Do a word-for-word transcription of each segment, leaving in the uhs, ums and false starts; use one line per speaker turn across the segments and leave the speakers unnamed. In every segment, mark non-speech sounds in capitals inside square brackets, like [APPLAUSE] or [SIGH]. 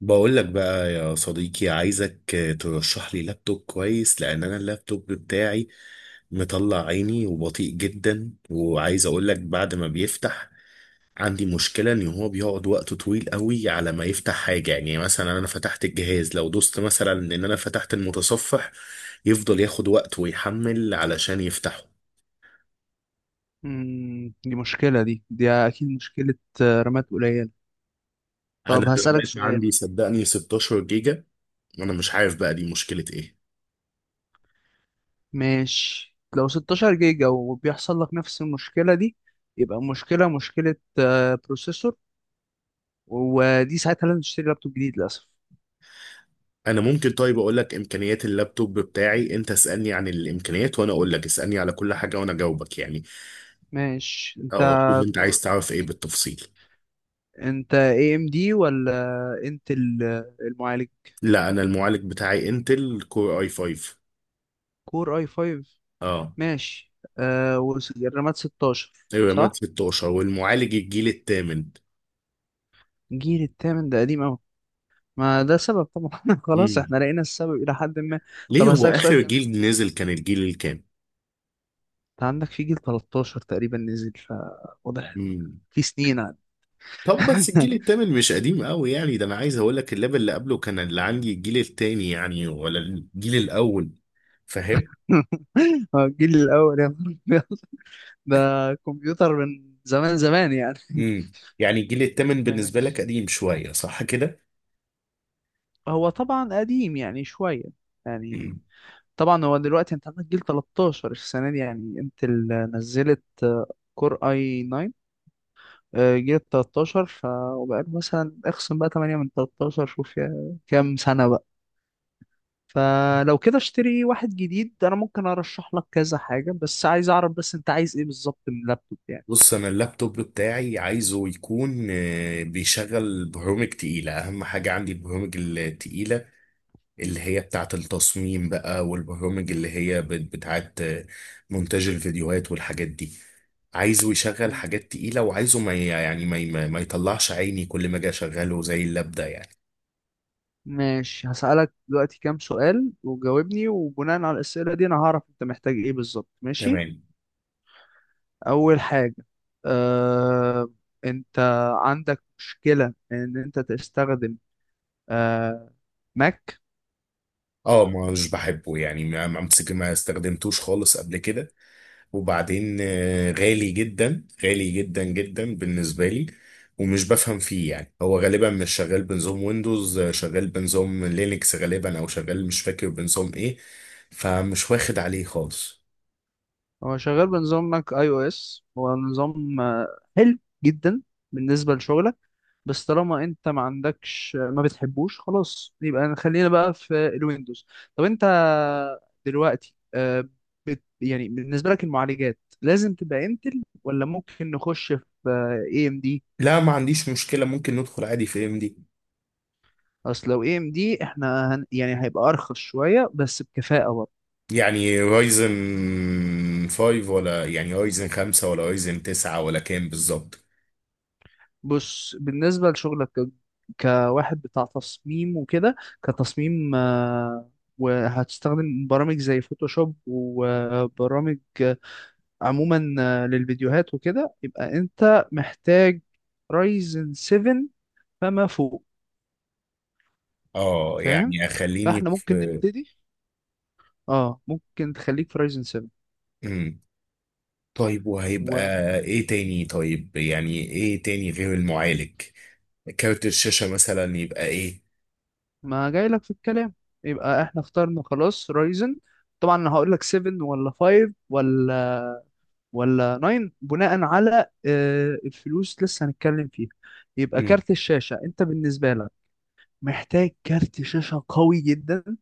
بقول لك بقى يا صديقي عايزك ترشح لي لابتوب كويس لان انا اللابتوب بتاعي مطلع عيني وبطيء جدا، وعايز اقول لك بعد ما بيفتح عندي مشكلة ان هو بيقعد وقت طويل قوي على ما يفتح حاجة، يعني مثلا انا فتحت الجهاز، لو دوست مثلا ان انا فتحت المتصفح يفضل ياخد وقت ويحمل علشان يفتحه.
مم، دي مشكلة دي دي أكيد مشكلة. آه، رامات قليلة.
انا
طب هسألك
الرامات
سؤال.
عندي صدقني ستة عشر جيجا، وانا مش عارف بقى دي مشكلة ايه.
ماشي، لو ستة عشر جيجا وبيحصل لك نفس المشكلة دي يبقى المشكلة مشكلة آه، بروسيسور، ودي ساعتها لازم تشتري لابتوب جديد للأسف.
انا ممكن طيب اقول لك امكانيات اللابتوب بتاعي، انت اسالني عن الامكانيات وانا اقول لك، اسالني على كل حاجه وانا اجاوبك يعني.
ماشي، أنت
اه شوف، انت عايز
كور
تعرف ايه
إن-
بالتفصيل؟
أنت اي ام دي ولا انتل؟ آه، المعالج
لا انا المعالج بتاعي انتل كور اي خمسة.
كور اي خمسة.
اه
ماشي. آه والرامات ستاشر
الرامات
صح؟
ستاشر والمعالج الجيل الثامن.
جيل التامن ده قديم، ما ده سبب طبعا. [LAUGHS] خلاص
امم
احنا لقينا السبب الى حد ما. طب
ليه، هو
هسألك سؤال
اخر
كمان
جيل نزل
لسه.
كان الجيل الكام؟
انت عندك في جيل تلتاشر تقريبا نزل، فواضح
امم
في سنين عاد.
طب بس الجيل
[LAUGHS]
الثامن مش قديم قوي يعني، ده انا عايز اقول لك اللاب اللي قبله كان اللي عندي الجيل الثاني يعني، ولا الجيل الاول، فاهم؟
هو الجيل الاول يا نهار أبيض. [LAUGHS] ده كمبيوتر من زمان زمان يعني.
امم
[LAUGHS]
يعني الجيل التامن بالنسبة لك
ماشي،
قديم شوية صح كده؟
هو طبعا قديم يعني شوية يعني.
مم.
طبعا هو دلوقتي انت عندك جيل تلتاشر السنة دي يعني انت اللي نزلت، كور اي تسعة. آه، جيل تلتاشر ف... وبقى مثلا اخصم بقى ثمانية من تلتاشر، شوف يا- كام سنة بقى. فلو كده اشتري واحد جديد. انا ممكن ارشح لك كذا حاجة، بس عايز اعرف بس انت عايز ايه بالظبط من اللابتوب يعني.
بص أنا اللابتوب بتاعي عايزه يكون آه، بيشغل برامج تقيلة، أهم حاجة عندي البرامج التقيلة اللي هي بتاعة التصميم بقى، والبرامج اللي هي بت- بتاعة آه، مونتاج الفيديوهات والحاجات دي. عايزه يشغل
مم.
حاجات تقيلة، وعايزه ما ي- يعني ما ي- ما ما يطلعش عيني كل ما أجي أشغله زي اللاب ده يعني.
ماشي، هسألك دلوقتي كام سؤال وجاوبني، وبناء على الأسئلة دي انا هعرف انت محتاج ايه بالظبط، ماشي.
تمام.
اول حاجة، أه... انت عندك مشكلة ان انت تستخدم أه... ماك؟
اه مش بحبه يعني، ما ما- ما استخدمتوش خالص قبل كده، وبعدين آه، غالي جدا، غالي جدا جدا بالنسبة لي، ومش بفهم فيه يعني، هو غالبا مش شغال بنظام ويندوز، آه، شغال بنظام لينكس غالبا، او شغال مش فاكر بنظام ايه، فمش واخد عليه خالص.
هو شغال بنظام ماك اي او اس، هو نظام آه، حلو جدا بالنسبة لشغلك، بس طالما انت ما عندكش آه، ما بتحبوش خلاص يبقى خلينا بقى في الويندوز. طب انت دلوقتي آه، بت يعني بالنسبة لك المعالجات لازم تبقى انتل ولا ممكن نخش في اي ام دي؟
لا ما عنديش مشكلة، ممكن ندخل عادي في ام دي.
اصل لو اي ام دي احنا هن يعني هيبقى ارخص شوية بس بكفاءة برضه.
يعني رايزن خمسة ولا يعني رايزن خمسة ولا رايزن تسعة ولا كام بالظبط؟
بص، بالنسبة لشغلك ك- كواحد بتاع تصميم وكده، كتصميم آه، وهتستخدم برامج زي فوتوشوب وبرامج آه، عموما آه، للفيديوهات وكده، يبقى انت محتاج رايزن سبعة فما فوق.
اه
فاهم؟
يعني اخليني
فاحنا ممكن
في،
نبتدي. اه ممكن تخليك في رايزن سبعة
طيب وهيبقى
وما
ايه تاني؟ طيب يعني ايه تاني غير المعالج؟ كارت الشاشة مثلا يبقى ايه؟
جايلك في الكلام. يبقى احنا اخترنا خلاص رايزن، طبعا انا هقول لك سبعة ولا خمسة ولا ولا تسعة بناء على آه، الفلوس لسه هنتكلم فيها. يبقى
مم.
كارت الشاشة، انت بالنسبة لك محتاج كارت شاشة قوي جدا،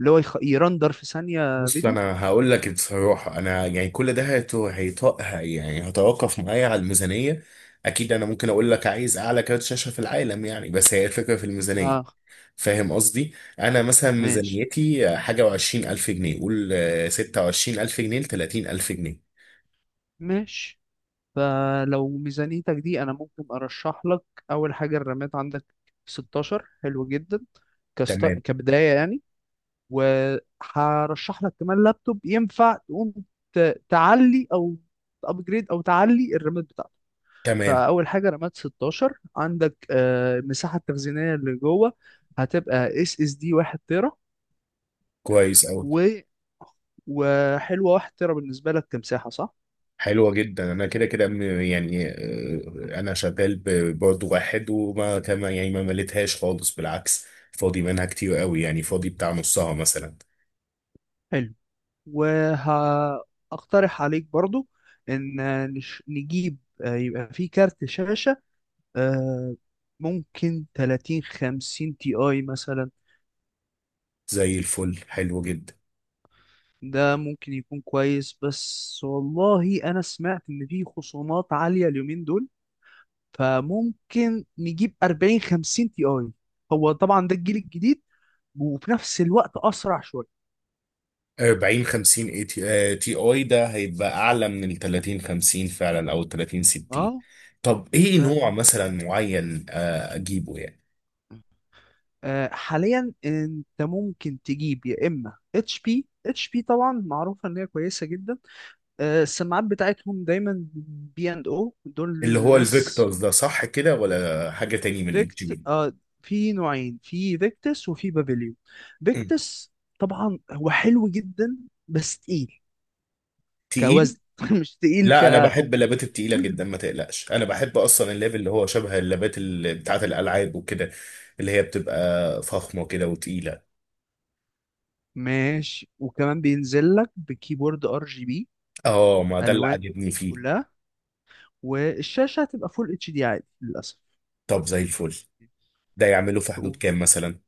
اللي هو يخ... يرندر في ثانية
بص
فيديو.
انا هقول لك بصراحة، انا يعني كل ده هيت- هيط- هي يعني هتوقف معايا على الميزانية. اكيد انا ممكن اقول لك عايز اعلى كارت شاشة في العالم يعني، بس هي الفكرة في الميزانية،
اه.
فاهم قصدي؟ انا مثلا
ماشي،
ميزانيتي حاجة وعشرين الف جنيه، قول آه، ستة وعشرين الف جنيه لتلاتين الف جنيه.
ماشي. فلو ميزانيتك دي انا ممكن ارشح لك. اول حاجة الرامات عندك ستاشر حلو جدا، كست...
تمام.
كبداية يعني. وهرشح لك كمان لابتوب ينفع تقوم ت... تعلي او ابجريد او تعلي الرامات.
تمام.
فاول حاجه رامات ستاشر عندك. آه، المساحه التخزينيه اللي جوه هتبقى اس اس دي واحد تيرا.
كويس اوي.
و وحلوه واحد تيرا بالنسبه لك كمساحه صح؟
حلوة جدا، أنا كده كده م- يعني
مم.
آه، أنا شغال ب- برضه واحد وما كما يعني ما مليتهاش خالص، بالعكس فاضي منها كتير قوي، يعني
مم.
فاضي بتاع نصها مثلا.
حلو. وهقترح عليك برضو ان نش- نجيب آه، يبقى في كارت شاشة آه، ممكن ثلاثين خمسين تي اي مثلا.
زي الفل، حلو جدا.
ده ممكن يكون كويس، بس والله انا سمعت ان في خصومات عالية اليومين دول، فممكن نجيب أربعين خمسين تي اي، هو طبعا ده الجيل الجديد وفي نفس الوقت اسرع شويه.
أربعين خمسين اي تي، آه، تي اي ده هيبقى أعلى من ال تلاتين خمسين فعلا، أو ال تلاتين ستين.
اه،
طب إيه
ف
نوع مثلا معين آه، أجيبه يعني؟
آه، حاليا انت ممكن تجيب يا اما اتش بي. اتش بي طبعا معروفه ان هي كويسه جدا، آه، السماعات بتاعتهم دايما بي اند او دول.
اللي هو
ناس
الفيكتورز ده صح كده، ولا حاجة تاني من ال جي
فيكت
بي؟
آه، في نوعين، في فيكتس وفي بافيليون. فيكتس طبعا هو حلو جدا بس تقيل،
تقيل.
كوزن، [LAUGHS] مش تقيل
لا انا بحب
ككمبيوتر.
اللابات التقيله
[LAUGHS]
جدا، ما تقلقش انا بحب اصلا الليفل اللي هو شبه اللابات ال- بتاعه الالعاب وكده، اللي هي بتبقى فخمه كده وتقيله.
ماشي. وكمان بينزل لك بكيبورد ار جي بي،
اه ما ده اللي
الوان
عاجبني فيه.
كلها. والشاشه هتبقى فول اتش دي عادي للاسف.
طب زي الفل، ده يعمله في حدود كام مثلا؟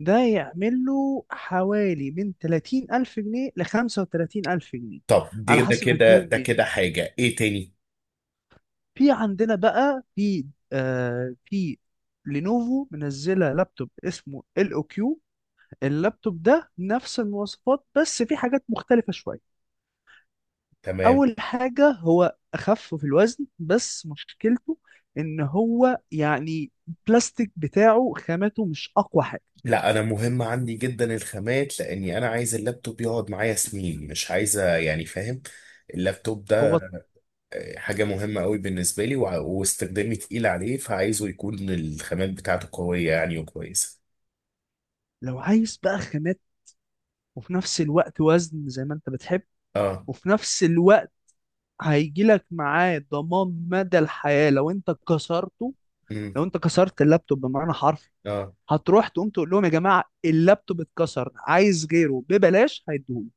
ده يعمل له حوالي من ثلاثين ألف جنيه ل خمسة وتلاتين ألف جنيه
طب دي
على
ده
حسب
كده
هتجيبه
ده
منين.
كده حاجه ايه تاني؟
في عندنا بقى في آه في لينوفو منزلة لابتوب اسمه ال او كيو. اللابتوب ده نفس المواصفات بس في حاجات مختلفة شوية.
تمام.
اول حاجه هو اخف في الوزن، بس مشكلته ان هو يعني البلاستيك بتاعه خامته مش اقوى حاجه.
لا انا مهم عندي جدا الخامات، لاني انا عايز اللابتوب يقعد معايا سنين، مش عايزه يعني، فاهم؟ اللابتوب
هو
حاجة مهمة قوي بالنسبة لي، وع- واستخدامي تقيل عليه، فعايزه يكون الخامات بتاعته قوية يعني وكويسة.
لو عايز بقى خامات وفي نفس الوقت وزن زي ما انت بتحب،
اه.
وفي نفس الوقت هيجيلك معاه ضمان مدى الحياة لو انت كسرته.
امم
لو انت كسرت اللابتوب بمعنى حرفي،
اه.
هتروح تقوم تقول لهم يا جماعة اللابتوب اتكسر عايز غيره ببلاش، هيديهولي.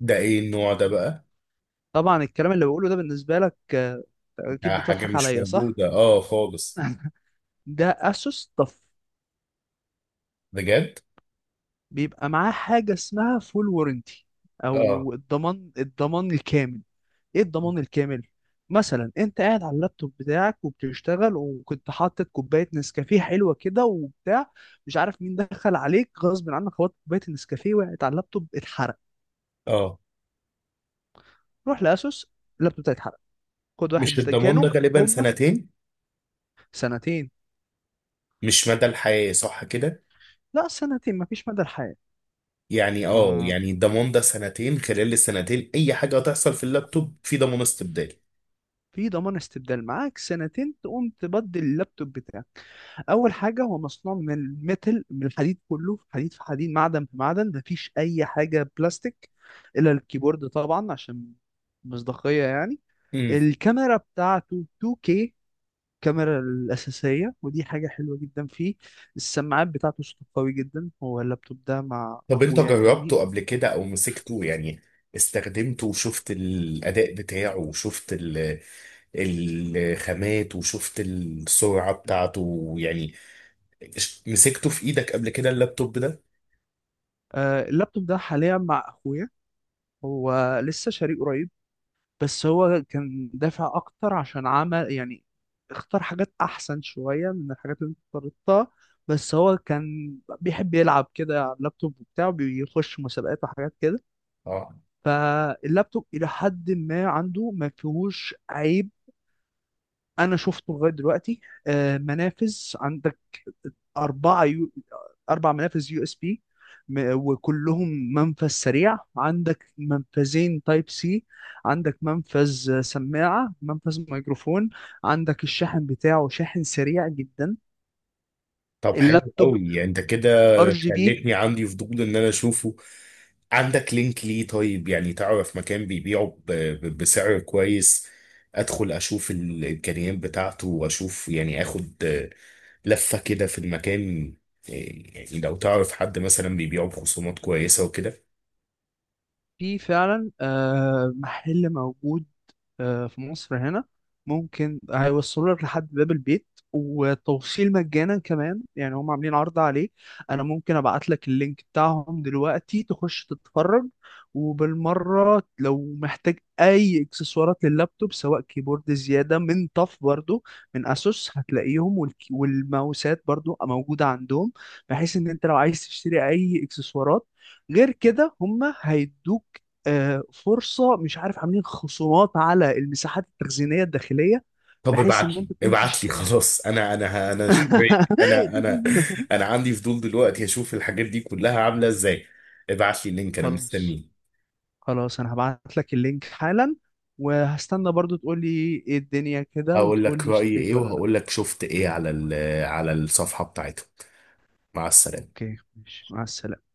ده ايه النوع ده بقى؟
طبعا الكلام اللي بقوله ده بالنسبة لك آه، اكيد
ده حاجة
بتضحك
مش
عليا صح؟
موجودة اه خالص.
[LAUGHS] ده اسوس طف.
بجد؟
بيبقى معاه حاجه اسمها فول وورنتي
اه.
او الضمان الضمان الكامل. ايه الضمان الكامل؟ مثلا انت قاعد على اللابتوب بتاعك وبتشتغل، وكنت حاطط كوبايه نسكافيه حلوه كده وبتاع، مش عارف مين دخل عليك غصب عنك خبطت كوبايه النسكافيه وقعت على اللابتوب اتحرق.
اه
روح لاسوس، اللابتوب بتاعي اتحرق، خد واحد
مش
بدل
الضمان
كانوا.
ده غالبا
هما
سنتين؟
سنتين.
مش مدى الحياة صح كده؟
لا سنتين مفيش مدى الحياه.
يعني اه،
آه.
يعني الضمان ده سنتين، خلال السنتين اي حاجة هتحصل في اللابتوب في ضمان استبدالي.
في ضمان استبدال معاك سنتين تقوم تبدل اللابتوب بتاعك. اول حاجه هو مصنوع من الميتل، من الحديد، كله في حديد، في حديد معدن، في معدن، مفيش اي حاجه بلاستيك الا الكيبورد طبعا عشان مصداقيه يعني. الكاميرا بتاعته اتنين كيه، الكاميرا الأساسية، ودي حاجة حلوة جدا فيه. السماعات بتاعته صوته قوي جدا. هو اللابتوب ده مع
طب انت
أخويا يعني.
جربته قبل كده، او مسكته يعني، استخدمته وشفت الاداء بتاعه وشفت ال- الخامات وشفت السرعة بتاعته يعني، ش- مسكته في ايدك قبل كده اللابتوب ده؟
آه، اللابتوب ده حاليا مع أخويا، هو لسه شاريه قريب، بس هو كان دافع اكتر عشان عمل يعني اختار حاجات احسن شوية من الحاجات اللي انت اخترتها. بس هو كان بيحب يلعب كده على اللابتوب بتاعه، بيخش مسابقات وحاجات كده.
اه.
فاللابتوب الى حد ما عنده ما فيهوش عيب انا شفته لغاية دلوقتي. آه، منافذ، عند أربعة يو... أربع منافذ يو اس بي، وكلهم منفذ سريع. عندك منفذين تايب سي، عندك منفذ سماعة، منفذ ميكروفون. عندك الشاحن بتاعه شاحن سريع جدا.
طب حلو
اللابتوب
قوي، يعني انت كده
ار جي بي.
خلتني عندي فضول ان انا اشوفه. عندك لينك ليه طيب؟ يعني تعرف مكان بيبيعه ب- ب- بسعر كويس، ادخل اشوف الامكانيات بتاعته واشوف يعني، اخد لفه كده في المكان. إيه، يعني لو تعرف حد مثلا بيبيعه بخصومات كويسه وكده.
فيه فعلا آه، محل موجود آه، في مصر هنا، ممكن هيوصلوا لك لحد باب البيت، والتوصيل مجانا كمان، يعني هم عاملين عرض عليه. انا ممكن ابعت لك اللينك بتاعهم دلوقتي تخش تتفرج. وبالمرة لو محتاج اي اكسسوارات لللابتوب، سواء كيبورد زيادة من طف برضو، من اسوس هتلاقيهم، والك- والماوسات برضو موجودة عندهم، بحيث ان انت لو عايز تشتري اي اكسسوارات غير كده هم هيدوك آه، فرصه، مش عارف عاملين خصومات على المساحات التخزينيه الداخليه،
طب
بحيث ان
ابعت لي
انت تقوم
ابعت لي
تشتريها.
خلاص، انا انا انا اشتريت، انا انا
[LAUGHS]
انا عندي فضول دلوقتي اشوف الحاجات دي كلها عامله ازاي. ابعت لي اللينك انا
خلاص،
مستنيه.
خلاص انا هبعت لك اللينك حالا، وهستنى برضو تقول لي ايه الدنيا كده،
هقول
وتقول
لك
لي
رايي
اشتريت
ايه،
ولا لا.
وهقول لك شفت ايه على ال- على الصفحه بتاعتهم. مع السلامه.
اوكي ماشي، مع السلامه.